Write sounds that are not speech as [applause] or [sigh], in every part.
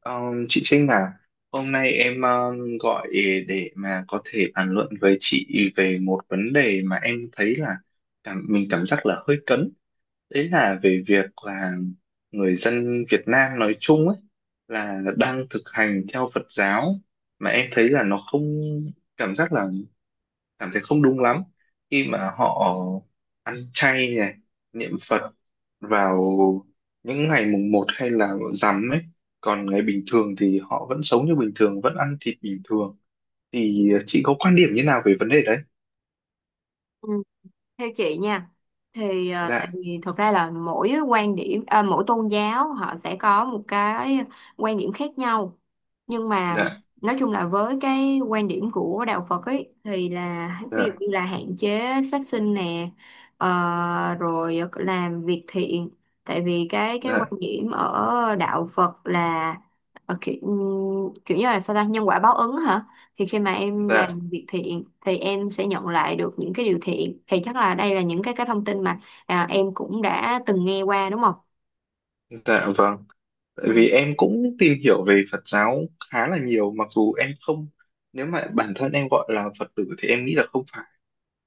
Ờ, chị Trinh à, hôm nay em gọi để mà có thể bàn luận với chị về một vấn đề mà em thấy là mình cảm giác là hơi cấn. Đấy là về việc là người dân Việt Nam nói chung ấy là đang thực hành theo Phật giáo mà em thấy là nó không cảm giác là cảm thấy không đúng lắm khi mà họ ăn chay này, niệm Phật vào những ngày mùng một hay là rằm ấy, còn ngày bình thường thì họ vẫn sống như bình thường, vẫn ăn thịt bình thường. Thì chị có quan điểm như nào về vấn đề đấy? Ừ, theo chị nha thì tại Dạ. vì thực ra là mỗi quan điểm mỗi tôn giáo họ sẽ có một cái quan điểm khác nhau. Nhưng mà Dạ. nói chung là với cái quan điểm của đạo Phật ấy thì là ví dụ Dạ. như là hạn chế sát sinh nè, rồi làm việc thiện. Tại vì cái quan Dạ. điểm ở đạo Phật là ờ, kiểu, kiểu như là sao ta nhân quả báo ứng hả. Thì khi mà em Dạ. làm việc thiện thì em sẽ nhận lại được những cái điều thiện. Thì chắc là đây là những cái thông tin mà em cũng đã từng nghe qua, đúng không. Dạ vâng. Tại Ừ, vì em cũng tìm hiểu về Phật giáo khá là nhiều, mặc dù em không, nếu mà bản thân em gọi là Phật tử thì em nghĩ là không phải.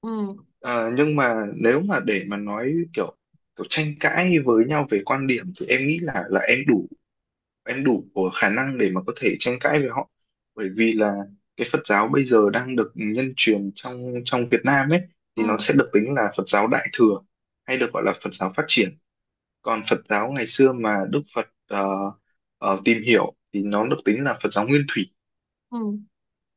ừ, Ờ, nhưng mà nếu mà để mà nói kiểu kiểu tranh cãi với nhau về quan điểm thì em nghĩ là em đủ của khả năng để mà có thể tranh cãi với họ. Bởi vì là cái Phật giáo bây giờ đang được nhân truyền trong trong Việt Nam ấy thì nó ừ, sẽ được tính là Phật giáo Đại thừa, hay được gọi là Phật giáo phát triển. Còn Phật giáo ngày xưa mà Đức Phật tìm hiểu thì nó được tính là Phật giáo Nguyên thủy. ừ.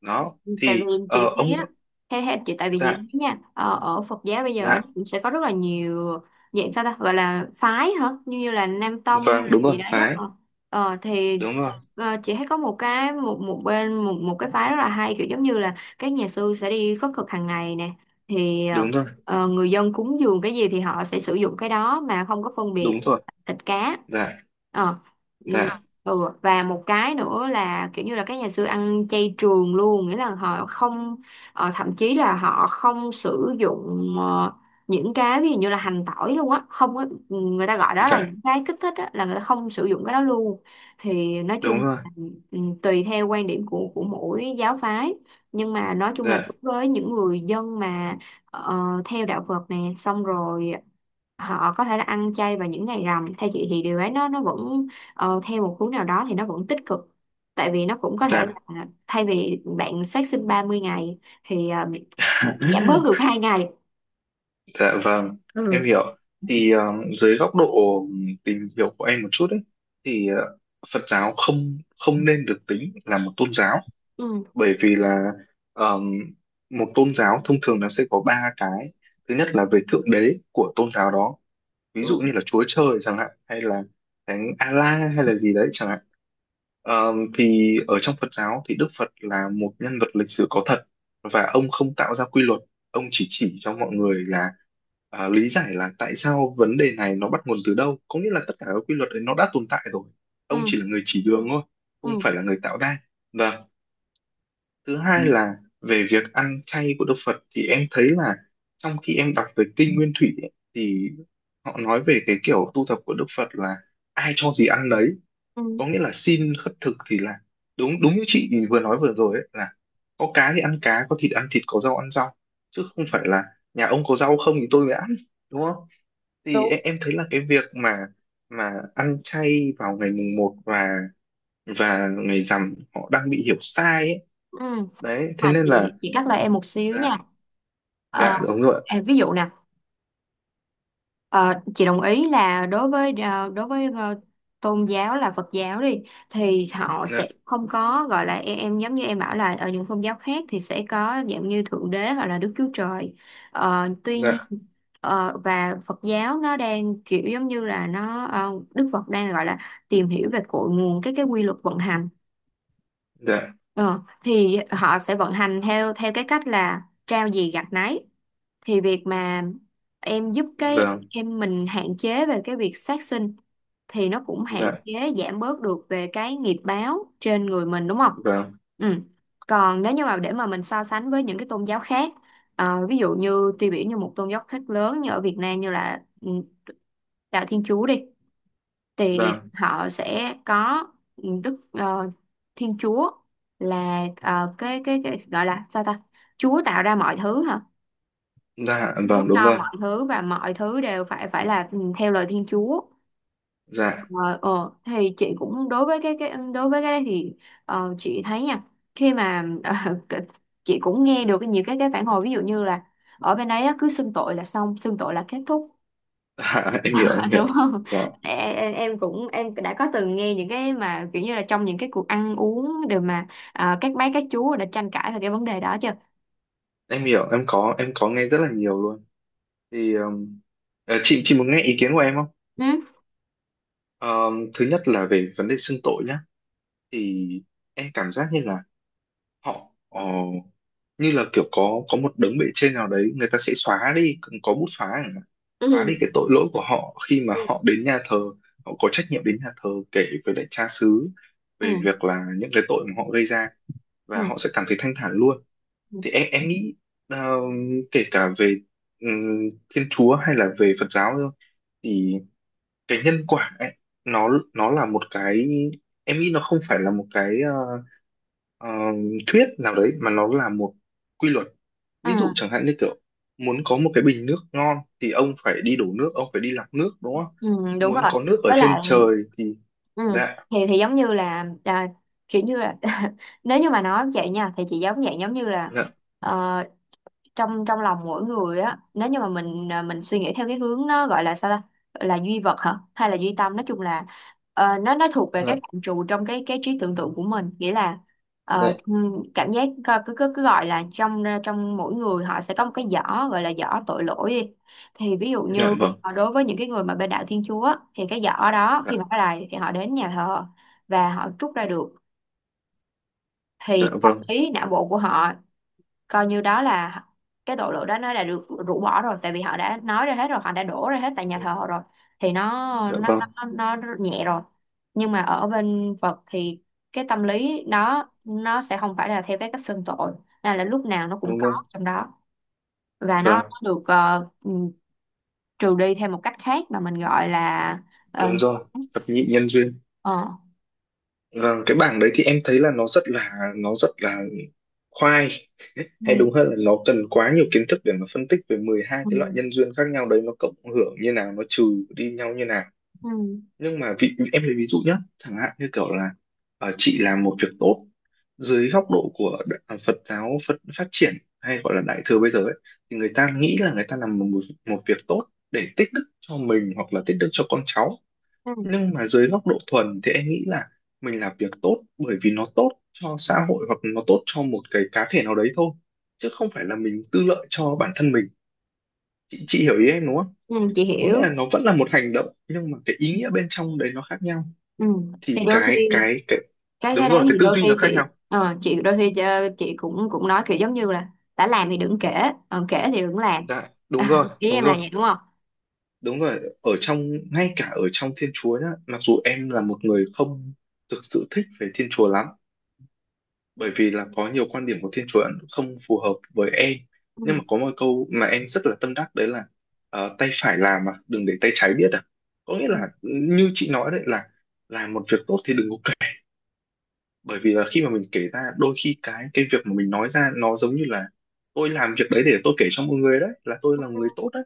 Đó Tại vì thì ờ, chị thấy ông á, theo theo chị, tại vì chị dạ. thấy nha, ở Phật giáo bây giờ Dạ cũng sẽ có rất là nhiều dạng sao ta gọi là phái hả, như như là Nam Tông vâng. Đúng rồi, gì đấy á. phái. ờ Ờ, thì Đúng rồi. Ờ, chị thấy có một cái một một bên một một cái phái rất là hay, kiểu giống như là các nhà sư sẽ đi khất thực hàng ngày nè. thì ờ, Đúng rồi. ờ, người dân cúng dường cái gì thì họ sẽ sử dụng cái đó mà không có phân biệt Đúng rồi. thịt cá. Dạ. Ờ, ừ, Dạ. ừ. Và một cái nữa là kiểu như là các nhà sư ăn chay trường luôn, nghĩa là họ không, thậm chí là họ không sử dụng những cái ví dụ như là hành tỏi luôn á, không có, người ta gọi đó là Dạ. những cái kích thích á, là người ta không sử dụng cái đó luôn. Thì nói Đúng chung, rồi. ừ, tùy theo quan điểm của mỗi giáo phái. Nhưng mà nói chung là Dạ. đối với những người dân mà ờ, theo đạo Phật nè, xong rồi họ có thể là ăn chay vào những ngày rằm. Theo chị thì điều ấy nó vẫn, theo một hướng nào đó thì nó vẫn tích cực. Tại vì nó cũng có thể Dạ. là thay vì bạn sát sinh 30 ngày thì bạn giảm bớt được [laughs] 2 ngày. Dạ vâng, em Ừ, hiểu. Thì dưới góc độ tìm hiểu của em một chút ấy, thì Phật giáo không không nên được tính là một tôn giáo, ừ, bởi vì là um, một tôn giáo thông thường nó sẽ có ba cái. Thứ nhất là về thượng đế của tôn giáo đó, ví ừ, dụ như là Chúa Trời chẳng hạn, hay là thánh Allah hay là gì đấy chẳng hạn. Thì ở trong Phật giáo thì Đức Phật là một nhân vật lịch sử có thật, và ông không tạo ra quy luật, ông chỉ cho mọi người là, lý giải là tại sao vấn đề này nó bắt nguồn từ đâu, có nghĩa là tất cả các quy luật đấy nó đã tồn tại rồi. Ông ừ, chỉ là người chỉ đường thôi, không ừ, phải là người tạo ra. Và thứ hai là về việc ăn chay của Đức Phật thì em thấy là, trong khi em đọc về Kinh Nguyên Thủy ấy, thì họ nói về cái kiểu tu tập của Đức Phật là ai cho gì ăn đấy, có ừ, nghĩa là xin khất thực, thì là đúng đúng như chị vừa nói vừa rồi ấy, là có cá thì ăn cá, có thịt ăn thịt, có rau ăn rau, chứ không phải là nhà ông có rau không thì tôi mới ăn, đúng không? Thì đúng, em thấy là cái việc mà ăn chay vào ngày mùng một và ngày rằm họ đang bị hiểu sai ấy. ừ, Đấy, mà thế nên là. chị cắt lời em một xíu nha. Dạ. Ờ, Dạ. Đúng rồi. Ví dụ nè, ờ, chị đồng ý là đối với tôn giáo là Phật giáo đi thì họ Dạ. sẽ không có gọi là, em giống như em bảo là ở những tôn giáo khác thì sẽ có dạng như Thượng Đế hoặc là Đức Chúa Trời. Ờ, tuy nhiên Dạ. ờ, và Phật giáo nó đang kiểu giống như là nó, Đức Phật đang gọi là tìm hiểu về cội nguồn cái quy luật vận hành. Dạ Ờ, thì họ sẽ vận hành theo theo cái cách là trao gì gặt nấy. Thì việc mà em giúp cái vâng. em mình hạn chế về cái việc sát sinh thì nó cũng hạn Dạ chế giảm bớt được về cái nghiệp báo trên người mình, đúng không? vâng Ừ. Còn nếu như mà để mà mình so sánh với những cái tôn giáo khác, ví dụ như tiêu biểu như một tôn giáo khác lớn như ở Việt Nam như là, đạo Thiên Chúa đi thì vâng. họ sẽ có, ừ, Đức Thiên Chúa là cái gọi là sao ta Chúa tạo ra mọi thứ hả. Dạ Chúa vâng. Đúng cho rồi. mọi thứ và mọi thứ đều phải phải là, theo lời Thiên Chúa. Dạ. Ờ, thì chị cũng đối với cái đấy thì, chị thấy nha, khi mà [laughs] cái- chị cũng nghe được nhiều cái phản hồi ví dụ như là ở bên đấy á, cứ xưng tội là xong, xưng tội là kết thúc. [laughs] Dạ, em hiểu em [laughs] Đúng hiểu. không. Dạ, Em, em cũng em đã có từng nghe những cái mà kiểu như là trong những cái cuộc ăn uống đều mà, các bác các chú đã tranh cãi về cái vấn đề đó chưa. em hiểu. Em có nghe rất là nhiều luôn. Thì chị muốn nghe ý kiến của em không? Ừ. Thứ nhất là về vấn đề xưng tội nhá, thì em cảm giác như là họ như là kiểu có một đấng bề trên nào đấy, người ta sẽ xóa đi, có bút xóa chẳng hạn. Xóa đi Ừ. cái tội lỗi của họ khi mà Ừ. họ đến nhà thờ. Họ có trách nhiệm đến nhà thờ kể với lại cha xứ về Ừ. việc là những cái tội mà họ gây ra, và Ừ. họ sẽ cảm thấy thanh thản luôn. Thì em nghĩ ờ, kể cả về Thiên Chúa hay là về Phật giáo thôi, thì cái nhân quả ấy nó nó là một cái, em nghĩ nó không phải là một cái ờ, thuyết nào đấy, mà nó là một quy luật. Ừ. Ví dụ chẳng hạn như kiểu, muốn có một cái bình nước ngon thì ông phải đi đổ nước, ông phải đi lọc nước, đúng không? Ừ, đúng Muốn rồi, có nước ở với trên lại, trời thì. ừ, Dạ. thì giống như là, kiểu như là [laughs] nếu như mà nói vậy nha thì chị giống dạng giống như là, Dạ. ờ, trong trong lòng mỗi người á, nếu như mà mình, mình suy nghĩ theo cái hướng nó gọi là sao ta gọi là duy vật hả hay là duy tâm. Nói chung là, nó thuộc về cái Dạ. phạm trù trong cái trí tưởng tượng của mình, nghĩa là, Dạ. Cảm giác coi- cứ cứ cứ gọi là trong, trong mỗi người họ sẽ có một cái giỏ gọi là giỏ tội lỗi đi. Thì ví dụ Dạ như, vâng. Đối với những cái người mà bên đạo Thiên Chúa á, thì cái giỏ đó Dạ. khi mà họ lại thì họ đến nhà thờ và họ trút ra được. Thì Dạ tâm vâng. lý não bộ của họ coi như đó là cái tội lỗi đó nó đã được rũ bỏ rồi, tại vì họ đã nói ra hết rồi, họ đã đổ ra hết tại nhà thờ họ rồi. Thì nó, ừ, Dạ nó, vâng. nó nhẹ rồi. Nhưng mà ở bên Phật thì cái tâm lý đó nó sẽ không phải là theo cái cách xưng tội, nên là lúc nào nó cũng Đúng có rồi. trong đó. Và nó, Vâng, nó được, trừ đi theo một cách khác mà mình gọi là, đúng nhân rồi. quả. Thập nhị nhân duyên. ờ, Vâng, cái bảng đấy thì em thấy là nó rất là khoai. Hay ừ, đúng hơn là nó cần quá nhiều kiến thức để mà phân tích về 12 cái loại ừ, nhân duyên khác nhau đấy, nó cộng hưởng như nào, nó trừ đi nhau như nào. ừ, Nhưng mà vị em lấy ví dụ nhé, chẳng hạn như kiểu là chị làm một việc tốt, dưới góc độ của Phật giáo Phật phát triển hay gọi là đại thừa bây giờ ấy, thì người ta nghĩ là người ta làm một một việc tốt để tích đức cho mình hoặc là tích đức cho con cháu. ừ, Nhưng mà dưới góc độ thuần thì em nghĩ là mình làm việc tốt bởi vì nó tốt cho xã hội, hoặc nó tốt cho một cái cá thể nào đấy thôi, chứ không phải là mình tư lợi cho bản thân mình. Chị hiểu ý em đúng không? ừ, chị Có nghĩa hiểu. là nó vẫn là một hành động nhưng mà cái ý nghĩa bên trong đấy nó khác nhau. Ừ. Thì Thì đôi khi cái cái đúng cái rồi, đấy cái thì tư đôi duy nó khi khác chị, nhau. Chị đôi khi chị cũng cũng nói kiểu giống như là đã làm thì đừng kể, còn kể thì đừng làm. Dạ [laughs] đúng rồi. ý Đúng em là rồi. vậy đúng không. Đúng rồi. Ở trong Ngay cả ở trong Thiên Chúa nhá, mặc dù em là một người không thực sự thích về Thiên Chúa lắm, bởi vì là có nhiều quan điểm của Thiên Chúa Ấn không phù hợp với em. Ừ. Nhưng mà có một câu mà em rất là tâm đắc, đấy là tay phải làm mà đừng để tay trái biết à. Có nghĩa là [laughs] như chị nói đấy, là làm một việc tốt thì đừng có kể, bởi vì là khi mà mình kể ra, đôi khi cái việc mà mình nói ra nó giống như là tôi làm việc đấy để tôi kể cho mọi người, đấy là tôi Ừ. là người tốt đấy.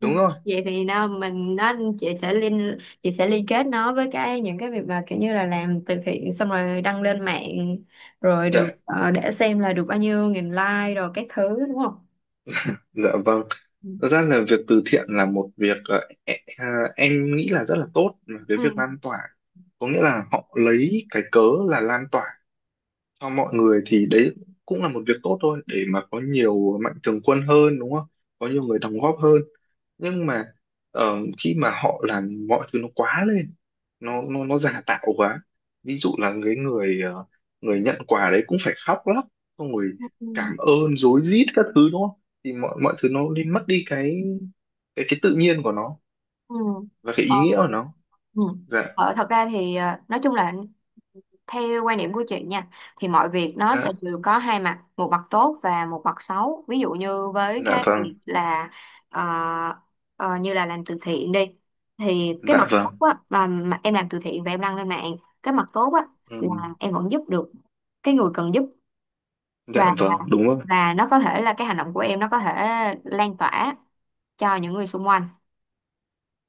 Ừ. Đúng rồi. Vậy thì nó mình nó, chị sẽ liên kết nó với cái những cái việc mà kiểu như là làm từ thiện xong rồi đăng lên mạng, rồi Dạ. được, để xem là được bao nhiêu nghìn like rồi các thứ, đúng không. Dạ vâng. Ừ. Thật ra là việc từ thiện là một việc em nghĩ là rất là tốt, là cái Ừ. việc lan tỏa. Có nghĩa là họ lấy cái cớ là lan tỏa cho mọi người, thì đấy cũng là một việc tốt thôi, để mà có nhiều mạnh thường quân hơn, đúng không? Có nhiều người đóng góp hơn. Nhưng mà ờ, khi mà họ làm mọi thứ nó quá lên, nó giả tạo quá. Ví dụ là người nhận quà đấy cũng phải khóc lóc, xong rồi Ừ. Ừ. cảm ơn rối rít các thứ, đúng không? Thì mọi mọi thứ nó đi mất đi cái tự nhiên của nó Ừ. và cái Ờ, ý nghĩa của nó. Ừ. Dạ. Thật ra thì, nói chung là theo quan điểm của chị nha thì mọi việc nó sẽ Dạ. đều có hai mặt, một mặt tốt và một mặt xấu. Ví dụ như với Dạ cái vâng. việc là, ờ, như là làm từ thiện đi thì cái Dạ mặt vâng. tốt á, mà em làm từ thiện và em đăng lên mạng, cái mặt tốt á Ừ. là em vẫn giúp được cái người cần giúp, Dạ và vâng. Đúng rồi. và nó có thể là cái hành động của em nó có thể lan tỏa cho những người xung quanh.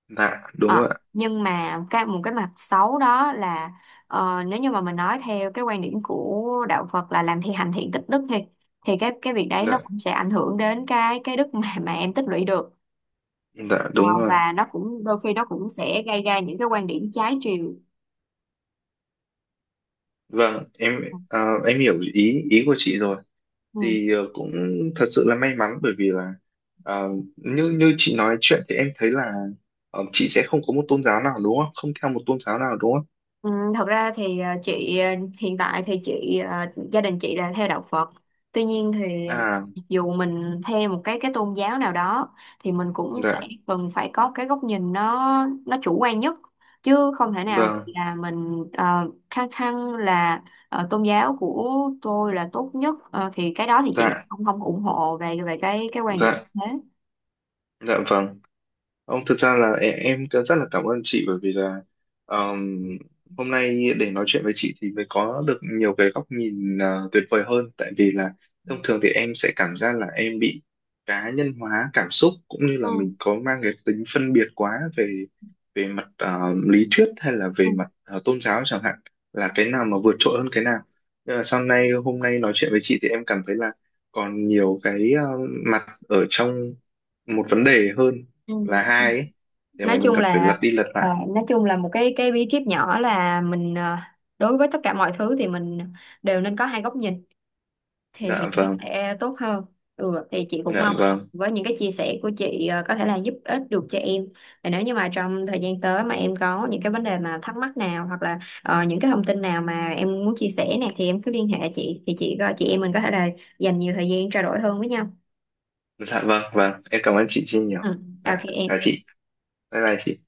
Dạ. Đúng Ờ, rồi ạ. nhưng mà cái một cái mặt xấu đó là, nếu như mà mình nói theo cái quan điểm của đạo Phật là làm thì hành thiện tích đức thì cái việc đấy nó Dạ. cũng sẽ ảnh hưởng đến cái đức mà em tích lũy được. Dạ Ờ, đúng rồi. và nó cũng đôi khi nó cũng sẽ gây ra những cái quan điểm trái chiều. Vâng, em hiểu ý ý của chị rồi. Ừ. Thì cũng thật sự là may mắn, bởi vì là, à, như như chị nói chuyện thì em thấy là, chị sẽ không có một tôn giáo nào đúng không? Không theo một tôn giáo nào đúng không? Ừ, thật ra thì, hiện tại thì gia đình chị là theo đạo Phật. Tuy nhiên thì À. dù mình theo một cái tôn giáo nào đó thì mình cũng sẽ Dạ. cần phải có cái góc nhìn nó chủ quan nhất, chứ không thể nào Vâng. là mình khăng khăng là, tôn giáo của tôi là tốt nhất. Ờ, thì cái đó thì chị lại Dạ. không không ủng hộ về về cái quan điểm Dạ. thế. Dạ vâng. Ông thực ra là em rất là cảm ơn chị, bởi vì là ờm, hôm nay để nói chuyện với chị thì mới có được nhiều cái góc nhìn tuyệt vời hơn, tại vì là thông thường thì em sẽ cảm giác là em bị cá nhân hóa cảm xúc, cũng như là Ừ. mình có mang cái tính phân biệt quá về về mặt lý thuyết, hay là Ừ. về mặt tôn giáo chẳng hạn, là cái nào mà vượt trội hơn cái nào. Nhưng mà sau này hôm nay nói chuyện với chị thì em cảm thấy là còn nhiều cái mặt ở trong một vấn đề, hơn Ừ. là hai ấy, để mà Nói mình chung còn phải là, lật đi lật lại. nói chung là một cái bí kíp nhỏ là mình, đối với tất cả mọi thứ thì mình đều nên có hai góc nhìn, thì, Dạ thì nó vâng. sẽ tốt hơn. Ừ, thì chị cũng Dạ mong vâng. với những cái chia sẻ của chị, có thể là giúp ích được cho em. Và nếu như mà trong thời gian tới mà em có những cái vấn đề mà thắc mắc nào, hoặc là, những cái thông tin nào mà em muốn chia sẻ nè, thì em cứ liên hệ chị, thì chị em mình có thể là dành nhiều thời gian trao đổi hơn với nhau. Dạ vâng. Vâng, em cảm ơn chị Trinh nhiều. Ừ. OK Dạ, chào em. chị. Bye bye chị.